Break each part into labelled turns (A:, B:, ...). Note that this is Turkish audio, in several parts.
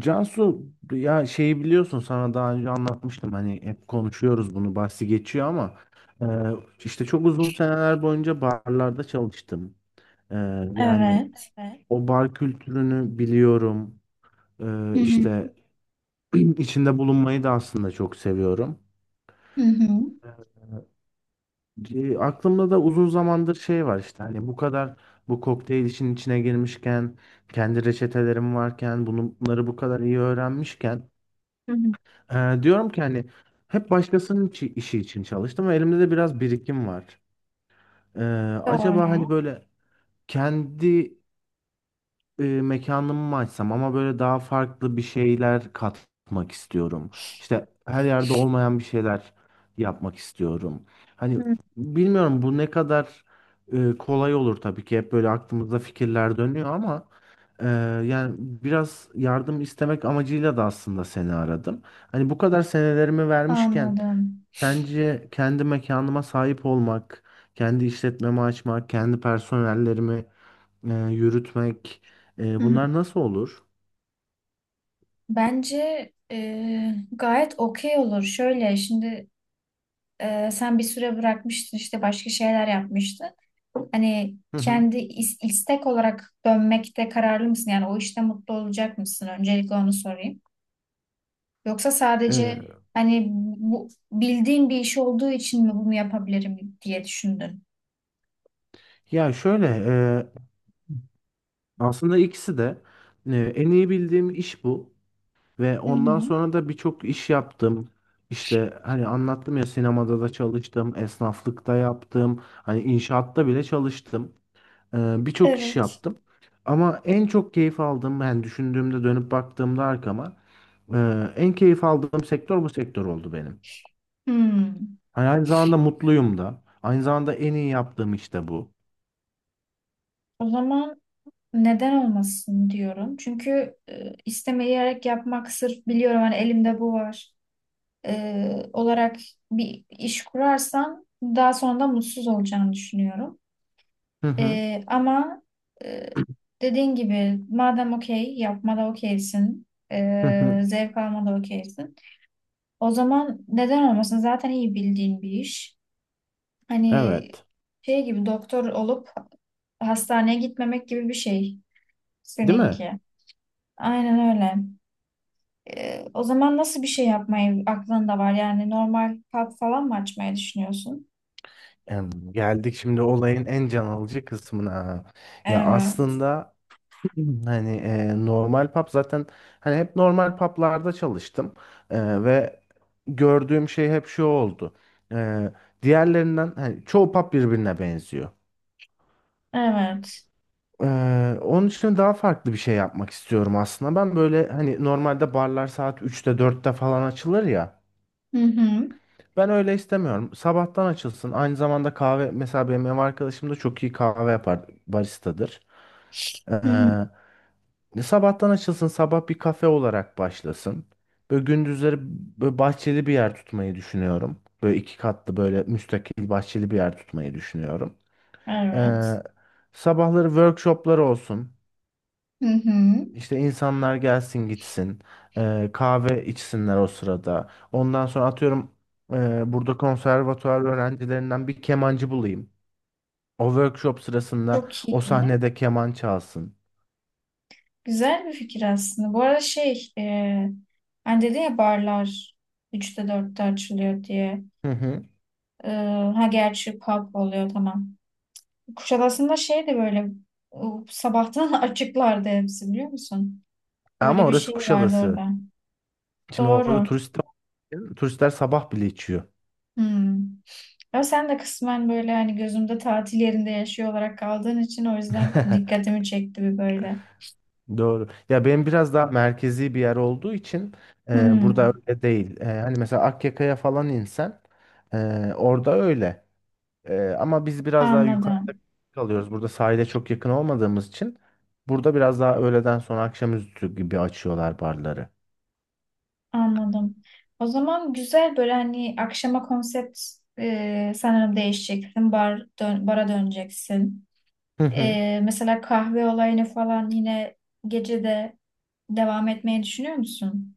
A: Cansu, ya şeyi biliyorsun, sana daha önce anlatmıştım, hani hep konuşuyoruz, bunu bahsi geçiyor ama e, işte çok uzun seneler boyunca barlarda çalıştım. E, Yani
B: Evet.
A: o bar kültürünü biliyorum.
B: Hı hı.
A: İşte içinde bulunmayı da aslında çok seviyorum.
B: Hı hı.
A: Aklımda da uzun zamandır şey var, işte hani bu kadar bu kokteyl işin içine girmişken, kendi reçetelerim varken, bunları bu kadar iyi öğrenmişken,
B: Hı hı.
A: Diyorum ki hani hep başkasının işi için çalıştım ve elimde de biraz birikim var. Ee, Acaba hani
B: Doğru.
A: böyle kendi mekanımı mı açsam, ama böyle daha farklı bir şeyler katmak istiyorum. İşte her yerde olmayan bir şeyler yapmak istiyorum. Hani
B: Hı.
A: bilmiyorum bu ne kadar kolay olur, tabii ki hep böyle aklımızda fikirler dönüyor, ama e, yani biraz yardım istemek amacıyla da aslında seni aradım. Hani bu kadar senelerimi vermişken,
B: Anladım.
A: sence kendi mekanıma sahip olmak, kendi işletmemi açmak, kendi personellerimi yürütmek,
B: Hı hı.
A: bunlar nasıl olur?
B: Bence gayet okey olur. Şöyle şimdi sen bir süre bırakmıştın işte başka şeyler yapmıştın. Hani
A: Hı hı.
B: kendi istek olarak dönmekte kararlı mısın? Yani o işte mutlu olacak mısın? Öncelikle onu sorayım. Yoksa
A: E,
B: sadece hani bu bildiğin bir iş olduğu için mi bunu yapabilirim diye düşündün?
A: ya şöyle, aslında ikisi de en iyi bildiğim iş bu ve
B: Hı
A: ondan
B: hı.
A: sonra da birçok iş yaptım. İşte hani anlattım ya, sinemada da çalıştım, esnaflıkta yaptım, hani inşaatta bile çalıştım. Birçok iş
B: Evet.
A: yaptım. Ama en çok keyif aldığım, ben düşündüğümde, dönüp baktığımda arkama, e, en keyif aldığım sektör bu sektör oldu benim.
B: Hmm.
A: Hani aynı zamanda mutluyum da. Aynı zamanda en iyi yaptığım iş de bu.
B: O zaman neden olmasın diyorum. Çünkü istemeyerek yapmak sırf biliyorum hani elimde bu var olarak bir iş kurarsam daha sonra da mutsuz olacağını düşünüyorum.
A: Hı hı.
B: Ama e, dediğin gibi madem okey yapmada okeysin,
A: Hı hı.
B: zevk almada okeysin. O zaman neden olmasın? Zaten iyi bildiğin bir iş. Hani
A: Evet.
B: şey gibi doktor olup hastaneye gitmemek gibi bir şey
A: Değil mi?
B: seninki. Aynen öyle. O zaman nasıl bir şey yapmayı aklında var? Yani normal pub falan mı açmayı düşünüyorsun?
A: Geldik şimdi olayın en can alıcı kısmına. Ya
B: Evet.
A: aslında hani normal pub zaten, hani hep normal publarda çalıştım. Ve gördüğüm şey hep şu oldu. E, Diğerlerinden hani çoğu pub birbirine benziyor.
B: Evet.
A: Onun için daha farklı bir şey yapmak istiyorum aslında. Ben böyle hani normalde barlar saat üçte dörtte falan açılır ya.
B: Hı hı.
A: Ben öyle istemiyorum. Sabahtan açılsın. Aynı zamanda kahve, mesela benim ev arkadaşım da çok iyi kahve yapar. Baristadır. Ee,
B: Hı hı.
A: Ne sabahtan açılsın, sabah bir kafe olarak başlasın. Böyle gündüzleri böyle bahçeli bir yer tutmayı düşünüyorum. Böyle iki katlı, böyle müstakil bahçeli bir yer tutmayı düşünüyorum.
B: Evet.
A: Ee, Sabahları workshoplar olsun.
B: Hı hı.
A: İşte insanlar gelsin gitsin. Kahve içsinler o sırada. Ondan sonra atıyorum, burada konservatuvar öğrencilerinden bir kemancı bulayım. O workshop sırasında
B: Çok
A: o
B: iyi.
A: sahnede keman çalsın.
B: Güzel bir fikir aslında. Bu arada şey, hani dedin ya barlar üçte dörtte açılıyor diye.
A: Hı hı.
B: Ee, ha gerçi pub oluyor tamam. Kuşadası'nda şey de böyle e, sabahtan açıklardı hepsi biliyor musun? Böyle
A: Ama
B: bir
A: orası
B: şey vardı
A: Kuşadası.
B: orada.
A: Şimdi orada
B: Doğru.
A: turistler, turistler sabah bile içiyor.
B: Hı. Ama sen de kısmen böyle hani gözümde tatil yerinde yaşıyor olarak kaldığın için o yüzden dikkatimi çekti bir böyle.
A: Doğru. Ya benim biraz daha merkezi bir yer olduğu için burada
B: Hmm,
A: öyle değil. Hani mesela Akyaka'ya falan insen e, orada öyle. Ama biz biraz daha yukarıda
B: anladım,
A: kalıyoruz. Burada sahile çok yakın olmadığımız için, burada biraz daha öğleden sonra akşamüstü gibi açıyorlar barları.
B: anladım. O zaman güzel böyle hani akşama konsept sanırım değişeceksin. Bara döneceksin. Mesela kahve olayını falan yine gecede devam etmeyi düşünüyor musun?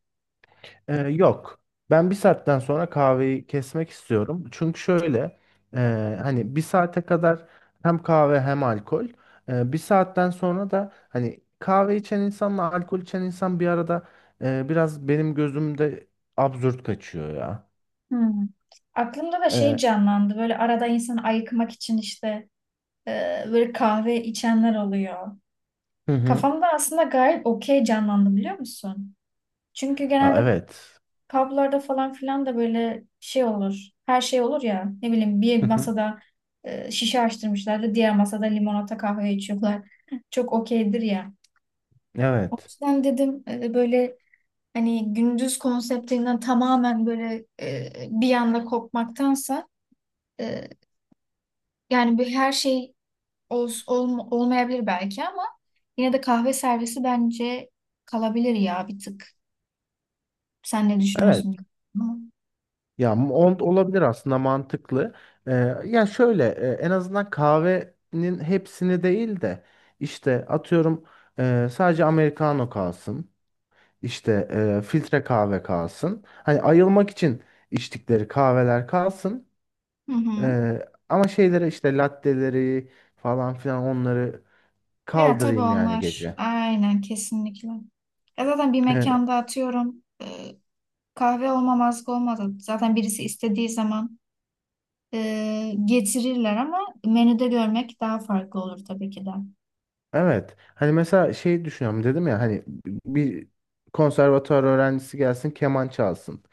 A: Yok. Ben bir saatten sonra kahveyi kesmek istiyorum. Çünkü şöyle, e, hani bir saate kadar hem kahve hem alkol. Bir saatten sonra da hani kahve içen insanla alkol içen insan bir arada biraz benim gözümde absürt kaçıyor ya.
B: Hmm. Aklımda da şey
A: E,
B: canlandı böyle arada insan ayıkmak için işte e, böyle kahve içenler oluyor.
A: hı hı.
B: Kafamda aslında gayet okey canlandı biliyor musun? Çünkü
A: Aa,
B: genelde
A: evet.
B: publarda falan filan da böyle şey olur. Her şey olur ya. Ne bileyim bir
A: Hı hı.
B: masada şişe açtırmışlar da diğer masada limonata kahve içiyorlar. Çok okeydir ya. O
A: Evet.
B: yüzden dedim böyle hani gündüz konseptinden tamamen böyle bir anda kopmaktansa e, yani bir her şey olmayabilir belki ama yine de kahve servisi bence kalabilir ya bir tık. Sen ne
A: Evet.
B: düşünüyorsun?
A: Ya, olabilir aslında, mantıklı. Ee, ya şöyle, en azından kahvenin hepsini değil de, işte atıyorum, sadece americano kalsın. İşte filtre kahve kalsın. Hani ayılmak için içtikleri kahveler kalsın.
B: Hı hı.
A: Ama şeylere, işte latteleri falan filan, onları
B: Ya tabii
A: kaldırayım yani
B: onlar
A: gece.
B: aynen kesinlikle. Ya zaten bir
A: E,
B: mekanda atıyorum kahve olmamazlık olmadı. Zaten birisi istediği zaman getirirler ama menüde görmek daha farklı olur tabii ki de.
A: Evet. Hani mesela şey düşünüyorum, dedim ya hani bir konservatuar öğrencisi gelsin keman çalsın.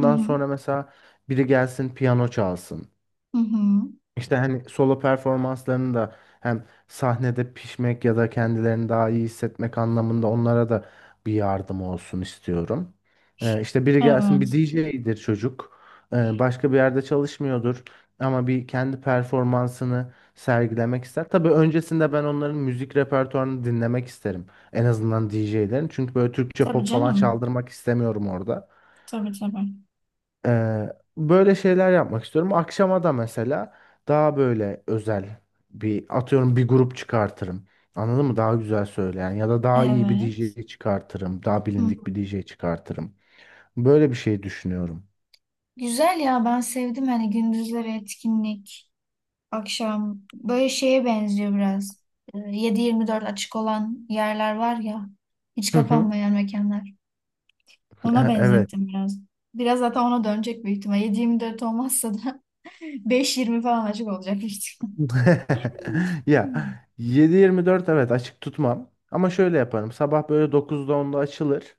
B: Hı hı.
A: sonra mesela biri gelsin piyano çalsın.
B: Hı hı.
A: İşte hani solo performanslarını da hem sahnede pişmek ya da kendilerini daha iyi hissetmek anlamında onlara da bir yardım olsun istiyorum. İşte biri gelsin, bir
B: Evet.
A: DJ'dir çocuk. Başka bir yerde çalışmıyordur ama bir kendi performansını sergilemek ister. Tabii öncesinde ben onların müzik repertuarını dinlemek isterim. En azından DJ'lerin. Çünkü böyle Türkçe
B: Tabii
A: pop falan
B: canım.
A: çaldırmak istemiyorum orada.
B: Tabii tabii.
A: Ee, Böyle şeyler yapmak istiyorum. Akşama da mesela daha böyle özel bir, atıyorum, bir grup çıkartırım. Anladın mı? Daha güzel söyleyen ya da daha iyi bir
B: Evet.
A: DJ çıkartırım. Daha
B: Hı.
A: bilindik bir DJ çıkartırım. Böyle bir şey düşünüyorum.
B: Güzel ya ben sevdim hani gündüzleri etkinlik. Akşam böyle şeye benziyor biraz. 7/24 açık olan yerler var ya, hiç
A: Hı hı.
B: kapanmayan mekanlar. Ona
A: Evet.
B: benzettim biraz. Biraz zaten ona dönecek büyük ihtimal. 7/24 olmazsa da 5/20 falan açık olacak büyük ihtimal.
A: Ya, 7-24 evet açık tutmam. Ama şöyle yaparım. Sabah böyle 9'da 10'da açılır.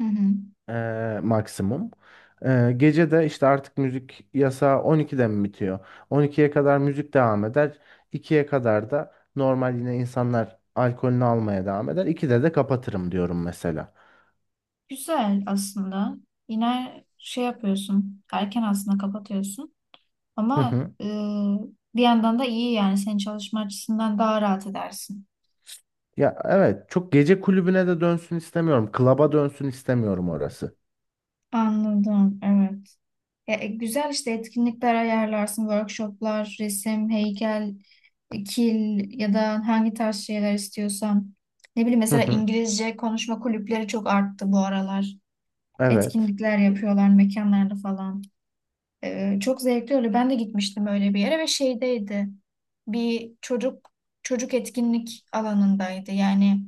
B: Hı hı.
A: Maksimum. Gece de işte artık müzik yasağı 12'de mi bitiyor? 12'ye kadar müzik devam eder. 2'ye kadar da normal yine insanlar alkolünü almaya devam eder. 2'de de kapatırım diyorum mesela.
B: Güzel aslında. Yine şey yapıyorsun. Erken aslında kapatıyorsun.
A: Hı
B: Ama
A: hı.
B: e, bir yandan da iyi yani. Senin çalışma açısından daha rahat edersin.
A: Ya evet, çok gece kulübüne de dönsün istemiyorum. Klaba dönsün istemiyorum orası.
B: Anladım. Evet. Ya, güzel işte etkinlikler ayarlarsın, workshoplar, resim, heykel, kil ya da hangi tarz şeyler istiyorsan. Ne bileyim
A: Hı
B: mesela
A: hı.
B: İngilizce konuşma kulüpleri çok arttı bu aralar.
A: Evet.
B: Etkinlikler yapıyorlar mekanlarda falan. Çok zevkli oluyor. Ben de gitmiştim öyle bir yere ve şeydeydi. Bir çocuk Çocuk etkinlik alanındaydı. Yani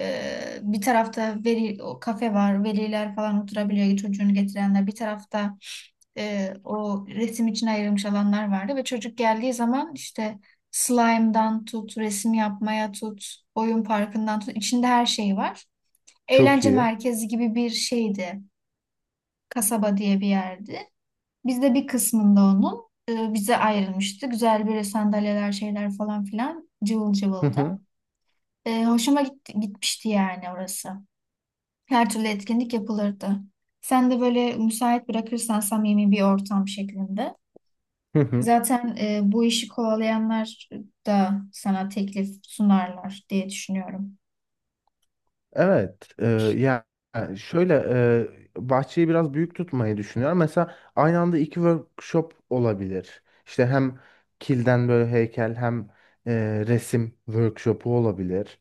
B: bir tarafta veri o kafe var, veliler falan oturabiliyor çocuğunu getirenler. Bir tarafta o resim için ayrılmış alanlar vardı ve çocuk geldiği zaman işte slime'dan tut, resim yapmaya tut, oyun parkından tut, içinde her şey var.
A: Çok
B: Eğlence
A: iyi.
B: merkezi gibi bir şeydi. Kasaba diye bir yerdi. Biz de bir kısmında onun bize ayrılmıştı. Güzel böyle sandalyeler, şeyler falan filan cıvıl
A: Hı
B: cıvıldı.
A: hı.
B: Hoşuma gitti, gitmişti yani orası. Her türlü etkinlik yapılırdı. Sen de böyle müsait bırakırsan samimi bir ortam şeklinde.
A: Hı hı.
B: Zaten bu işi kovalayanlar da sana teklif sunarlar diye düşünüyorum.
A: Evet, ya yani şöyle, bahçeyi biraz büyük tutmayı düşünüyorum. Mesela aynı anda iki workshop olabilir. İşte hem kilden böyle heykel hem resim workshopu olabilir.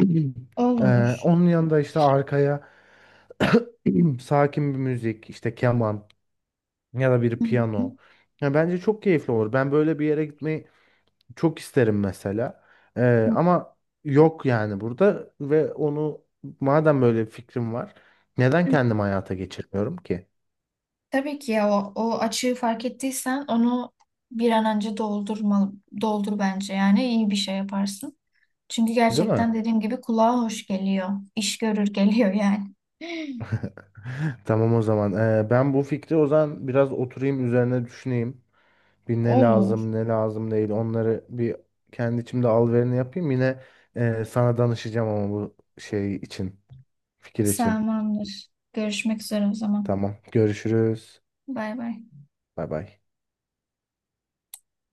B: Olur.
A: Onun yanında işte arkaya sakin bir müzik, işte keman ya da bir
B: Hı hı.
A: piyano. Ya bence çok keyifli olur. Ben böyle bir yere gitmeyi çok isterim mesela.
B: Hı
A: Ama yok yani burada, ve onu, madem böyle bir fikrim var, neden
B: hı.
A: kendim hayata geçirmiyorum ki?
B: Tabii ki ya o açığı fark ettiysen onu bir an önce doldur bence. Yani iyi bir şey yaparsın. Çünkü
A: Değil mi?
B: gerçekten dediğim gibi kulağa hoş geliyor. İş görür geliyor yani.
A: Tamam o zaman. Ben bu fikri o zaman biraz oturayım üzerine düşüneyim. Bir ne
B: Olur.
A: lazım ne lazım değil, onları bir kendi içimde alverini yapayım. Yine sana danışacağım ama bu şey için, fikir için.
B: Tamamdır. Görüşmek üzere o zaman.
A: Tamam, görüşürüz.
B: Bay bay.
A: Bay bay.